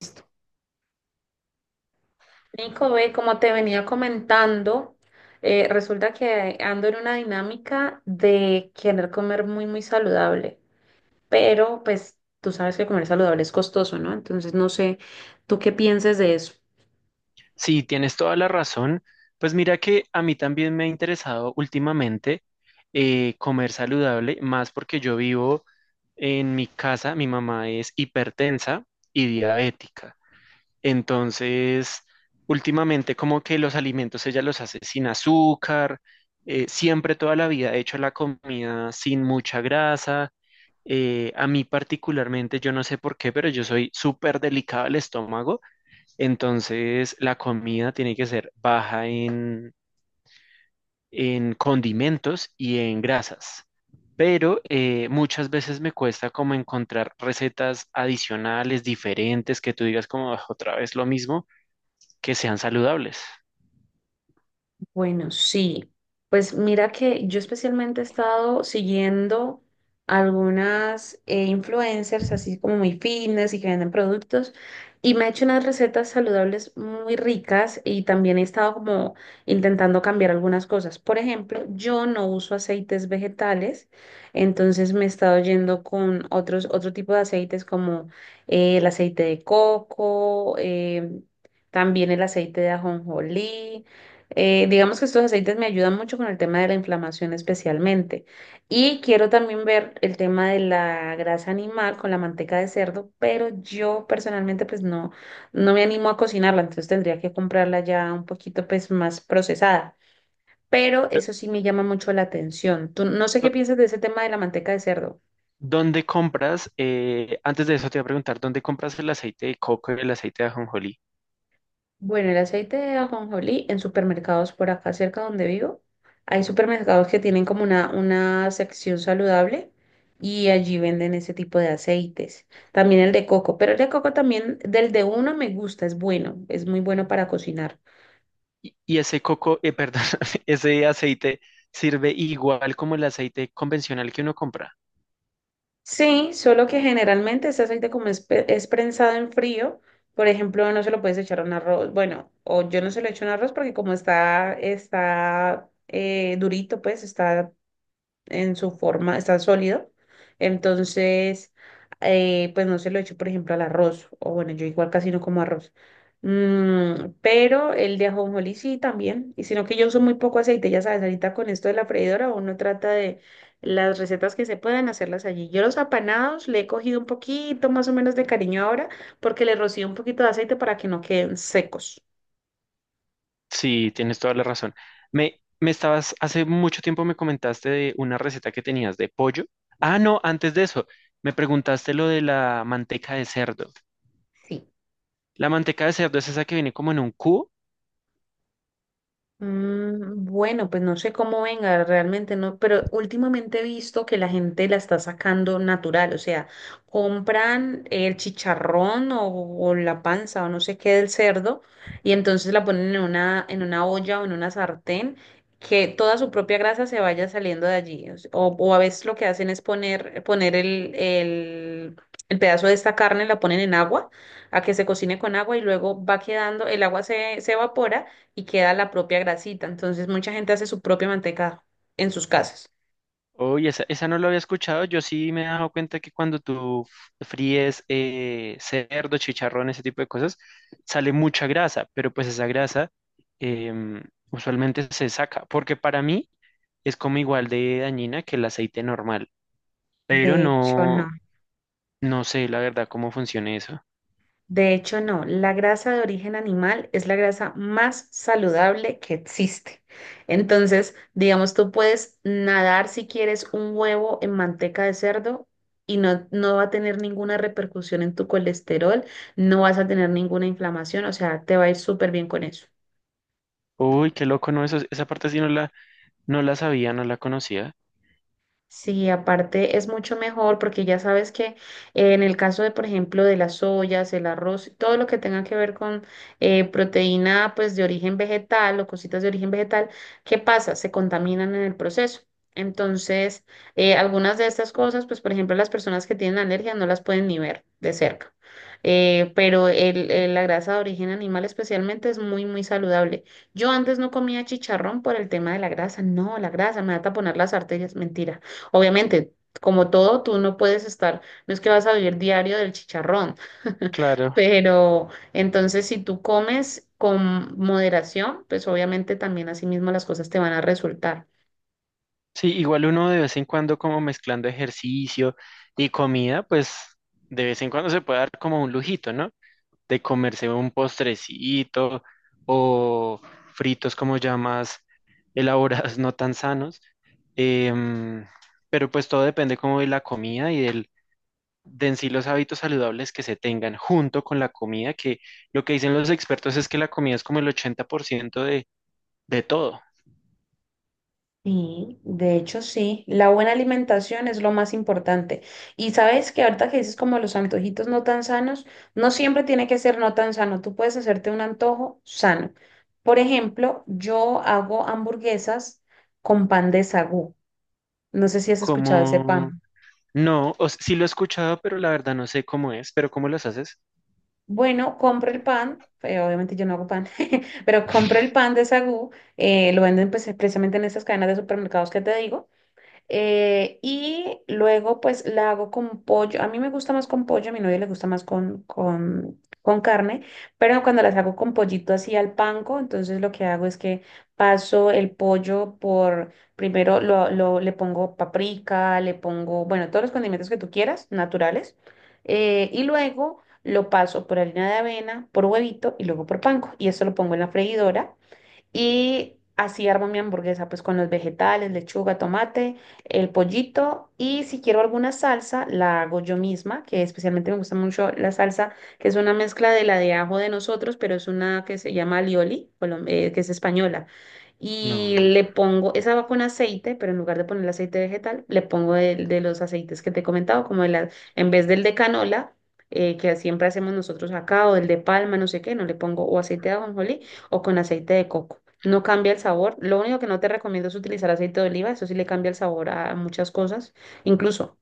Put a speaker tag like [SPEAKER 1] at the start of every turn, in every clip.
[SPEAKER 1] Listo. Nico, ve, como te venía comentando, resulta que ando en una dinámica de querer comer muy, muy saludable, pero pues tú sabes que comer saludable es costoso, ¿no? Entonces no sé, ¿tú qué piensas de eso?
[SPEAKER 2] Sí, tienes toda la razón. Pues mira que a mí también me ha interesado últimamente comer saludable, más porque yo vivo en mi casa, mi mamá es hipertensa y diabética. Entonces, últimamente como que los alimentos ella los hace sin azúcar. Siempre toda la vida he hecho la comida sin mucha grasa. A mí particularmente, yo no sé por qué, pero yo soy súper delicado al estómago. Entonces, la comida tiene que ser baja en condimentos y en grasas. Pero muchas veces me cuesta como encontrar recetas adicionales, diferentes, que tú digas como "Ah, otra vez lo mismo", que sean saludables.
[SPEAKER 1] Bueno, sí. Pues mira que yo especialmente he estado siguiendo algunas influencers, así como muy fitness y que venden productos, y me ha hecho unas recetas saludables muy ricas y también he estado como intentando cambiar algunas cosas. Por ejemplo, yo no uso aceites vegetales, entonces me he estado yendo con otro tipo de aceites como el aceite de coco, también el aceite de ajonjolí. Digamos que estos aceites me ayudan mucho con el tema de la inflamación especialmente. Y quiero también ver el tema de la grasa animal con la manteca de cerdo, pero yo personalmente pues no me animo a cocinarla, entonces tendría que comprarla ya un poquito pues más procesada. Pero
[SPEAKER 2] Pero,
[SPEAKER 1] eso sí me llama mucho la atención. Tú, no sé qué
[SPEAKER 2] ¿dó-
[SPEAKER 1] piensas de ese tema de la manteca de cerdo.
[SPEAKER 2] ¿dónde compras? Antes de eso te voy a preguntar, ¿dónde compras el aceite de coco y el aceite de ajonjolí?
[SPEAKER 1] Bueno, el aceite de ajonjolí en supermercados por acá cerca donde vivo, hay supermercados que tienen como una sección saludable y allí venden ese tipo de aceites. También el de coco, pero el de coco también, del de uno me gusta, es bueno, es muy bueno para cocinar.
[SPEAKER 2] Y ese coco, perdón, ese aceite sirve igual como el aceite convencional que uno compra.
[SPEAKER 1] Sí, solo que generalmente ese aceite como es, es prensado en frío, por ejemplo, no se lo puedes echar a un arroz, bueno, o yo no se lo echo a un arroz porque como está durito, pues está en su forma, está sólido. Entonces, pues no se lo echo, por ejemplo, al arroz. O bueno, yo igual casi no como arroz. Pero el de ajonjolí sí también. Y sino que yo uso muy poco aceite, ya sabes, ahorita con esto de la freidora uno trata de las recetas que se puedan hacerlas allí. Yo los apanados le he cogido un poquito más o menos de cariño ahora porque le rocío un poquito de aceite para que no queden secos.
[SPEAKER 2] Sí, tienes toda la razón. Me estabas, hace mucho tiempo me comentaste de una receta que tenías de pollo. Ah, no, antes de eso, me preguntaste lo de la manteca de cerdo.
[SPEAKER 1] Sí.
[SPEAKER 2] La manteca de cerdo es esa que viene como en un cubo.
[SPEAKER 1] Bueno, pues no sé cómo venga, realmente no, pero últimamente he visto que la gente la está sacando natural, o sea, compran el chicharrón o la panza o no sé qué del cerdo y entonces la ponen en una olla o en una sartén que toda su propia grasa se vaya saliendo de allí. O sea, o a veces lo que hacen es poner el pedazo de esta carne, la ponen en agua, a que se cocine con agua y luego va quedando, el agua se evapora y queda la propia grasita. Entonces, mucha gente hace su propia manteca en sus casas.
[SPEAKER 2] Oye, esa no lo había escuchado. Yo sí me he dado cuenta que cuando tú fríes cerdo, chicharrón, ese tipo de cosas, sale mucha grasa, pero pues esa grasa em, usualmente se saca, porque para mí es como igual de dañina que el aceite normal. Pero
[SPEAKER 1] De hecho, no.
[SPEAKER 2] no, no sé la verdad cómo funciona eso.
[SPEAKER 1] De hecho, no. La grasa de origen animal es la grasa más saludable que existe. Entonces, digamos, tú puedes nadar si quieres un huevo en manteca de cerdo y no va a tener ninguna repercusión en tu colesterol, no vas a tener ninguna inflamación, o sea, te va a ir súper bien con eso.
[SPEAKER 2] Uy, qué loco, no, eso, esa parte sí no la, no la sabía, no la conocía.
[SPEAKER 1] Sí, aparte es mucho mejor porque ya sabes que en el caso de, por ejemplo, de las ollas, el arroz, todo lo que tenga que ver con proteína pues de origen vegetal o cositas de origen vegetal, ¿qué pasa? Se contaminan en el proceso. Entonces, algunas de estas cosas, pues por ejemplo, las personas que tienen alergia no las pueden ni ver de cerca. Pero la grasa de origen animal especialmente es muy, muy saludable. Yo antes no comía chicharrón por el tema de la grasa. No, la grasa me va a taponar las arterias. Mentira. Obviamente, como todo, tú no puedes estar, no es que vas a vivir diario del chicharrón,
[SPEAKER 2] Claro.
[SPEAKER 1] pero entonces si tú comes con moderación, pues obviamente también así mismo las cosas te van a resultar.
[SPEAKER 2] Sí, igual uno de vez en cuando como mezclando ejercicio y comida, pues de vez en cuando se puede dar como un lujito, ¿no? De comerse un postrecito o fritos como ya más elaborados, no tan sanos. Em, pero pues todo depende como de la comida y del de en sí los hábitos saludables que se tengan junto con la comida, que lo que dicen los expertos es que la comida es como el 80% de todo.
[SPEAKER 1] Sí, de hecho sí, la buena alimentación es lo más importante. Y sabes que ahorita que dices como los antojitos no tan sanos, no siempre tiene que ser no tan sano, tú puedes hacerte un antojo sano. Por ejemplo, yo hago hamburguesas con pan de sagú. No sé si has escuchado ese
[SPEAKER 2] Como,
[SPEAKER 1] pan.
[SPEAKER 2] no, sí lo he escuchado, pero la verdad no sé cómo es, pero ¿cómo los haces?
[SPEAKER 1] Bueno, compro el pan, obviamente yo no hago pan, pero compro el pan de sagú, lo venden pues, precisamente en esas cadenas de supermercados que te digo. Y luego pues la hago con pollo. A mí me gusta más con pollo, a mi novio le gusta más con, carne, pero cuando las hago con pollito así al panko, entonces lo que hago es que paso el pollo por, primero le pongo paprika, le pongo, bueno, todos los condimentos que tú quieras, naturales, y luego lo paso por harina de avena, por huevito y luego por panko. Y esto lo pongo en la freidora. Y así armo mi hamburguesa, pues con los vegetales, lechuga, tomate, el pollito. Y si quiero alguna salsa, la hago yo misma, que especialmente me gusta mucho la salsa, que es una mezcla de la de ajo de nosotros, pero es una que se llama alioli, que es española.
[SPEAKER 2] No,
[SPEAKER 1] Y le pongo, esa va con aceite, pero en lugar de poner aceite vegetal, le pongo de los aceites que te he comentado, en vez del de canola, que siempre hacemos nosotros acá, o del de palma, no sé qué, no le pongo o aceite de ajonjolí o con aceite de coco. No cambia el sabor. Lo único que no te recomiendo es utilizar aceite de oliva. Eso sí le cambia el sabor a muchas cosas. Incluso,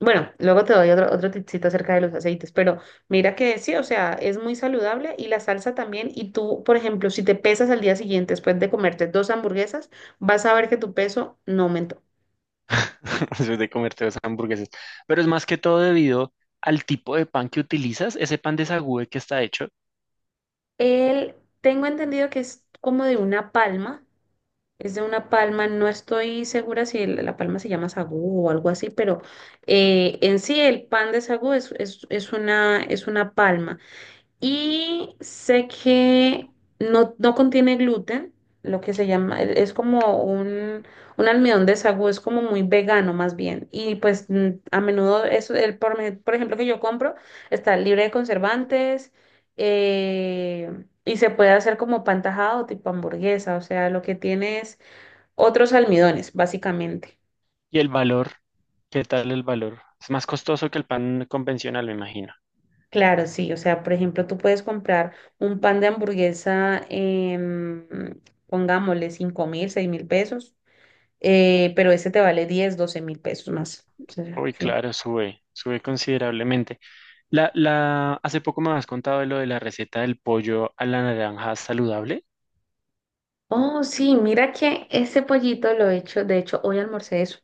[SPEAKER 1] bueno, luego te doy otro tipcito acerca de los aceites. Pero mira que sí, o sea, es muy saludable y la salsa también. Y tú, por ejemplo, si te pesas al día siguiente después de comerte dos hamburguesas, vas a ver que tu peso no aumentó.
[SPEAKER 2] soy de comerte dos hamburguesas. Pero es más que todo debido al tipo de pan que utilizas, ese pan de sagú que está hecho,
[SPEAKER 1] El, Tengo entendido que es como de una palma. Es de una palma, no estoy segura si la palma se llama sagú o algo así, pero en sí el pan de sagú es una palma. Y sé que no contiene gluten, lo que se llama, es como un almidón de sagú, es como muy vegano más bien. Y pues a menudo, es el, por, me- por ejemplo, que yo compro, está libre de conservantes. Y se puede hacer como pan tajado, tipo hamburguesa, o sea, lo que tienes otros almidones, básicamente.
[SPEAKER 2] y el valor. ¿Qué tal el valor? Es más costoso que el pan convencional, me imagino.
[SPEAKER 1] Claro, sí. O sea, por ejemplo, tú puedes comprar un pan de hamburguesa en, pongámosle, 5 mil, 6 mil pesos, pero ese te vale 10, 12 mil pesos más. O sea,
[SPEAKER 2] Uy,
[SPEAKER 1] sí.
[SPEAKER 2] claro, sube, sube considerablemente. Hace poco me habías contado de lo de la receta del pollo a la naranja saludable,
[SPEAKER 1] Oh, sí, mira que ese pollito lo he hecho, de hecho, hoy almorcé eso.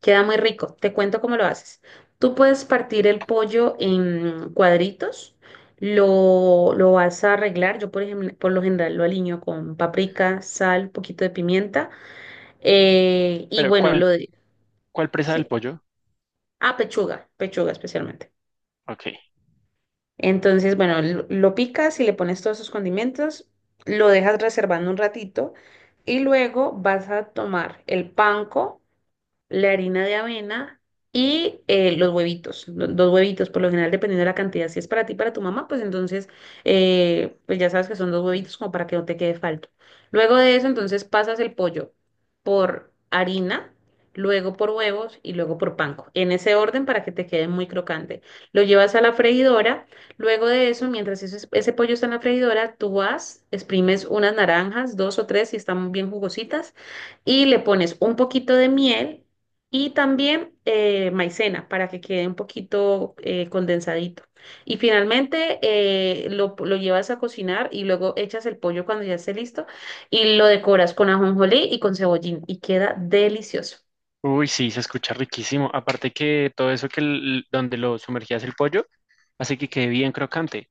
[SPEAKER 1] Queda muy rico. Te cuento cómo lo haces. Tú puedes partir el pollo en cuadritos, lo vas a arreglar. Yo, por ejemplo, por lo general lo aliño con paprika, sal, poquito de pimienta. Y
[SPEAKER 2] pero
[SPEAKER 1] bueno, lo de.
[SPEAKER 2] ¿cuál presa del
[SPEAKER 1] Sí.
[SPEAKER 2] pollo?
[SPEAKER 1] Ah, pechuga, pechuga especialmente.
[SPEAKER 2] Ok.
[SPEAKER 1] Entonces, bueno, lo picas y le pones todos esos condimentos, lo dejas reservando un ratito y luego vas a tomar el panko la harina de avena y los huevitos, dos huevitos, por lo general, dependiendo de la cantidad, si es para ti, para tu mamá, pues entonces, pues ya sabes que son dos huevitos como para que no te quede falto. Luego de eso, entonces pasas el pollo por harina, luego por huevos y luego por panko, en ese orden para que te quede muy crocante. Lo llevas a la freidora, luego de eso, mientras ese pollo está en la freidora, tú vas, exprimes unas naranjas, dos o tres si están bien jugositas, y le pones un poquito de miel y también maicena para que quede un poquito condensadito. Y finalmente lo llevas a cocinar y luego echas el pollo cuando ya esté listo y lo decoras con ajonjolí y con cebollín y queda delicioso.
[SPEAKER 2] Uy, sí, se escucha riquísimo. Aparte que todo eso que el- donde lo sumergías el pollo hace que quede bien crocante.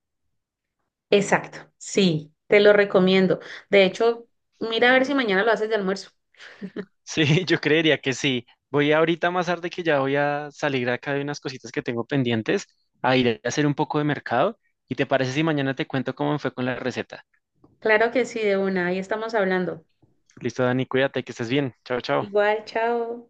[SPEAKER 1] Exacto, sí, te lo recomiendo. De hecho, mira a ver si mañana lo haces de almuerzo.
[SPEAKER 2] Sí, yo creería que sí. Voy ahorita más tarde, que ya voy a salir acá de unas cositas que tengo pendientes, a ir a hacer un poco de mercado. ¿Y te parece si mañana te cuento cómo me fue con la receta?
[SPEAKER 1] Claro que sí, de una, ahí estamos hablando.
[SPEAKER 2] Listo, Dani, cuídate, que estés bien. Chao, chao.
[SPEAKER 1] Igual, chao.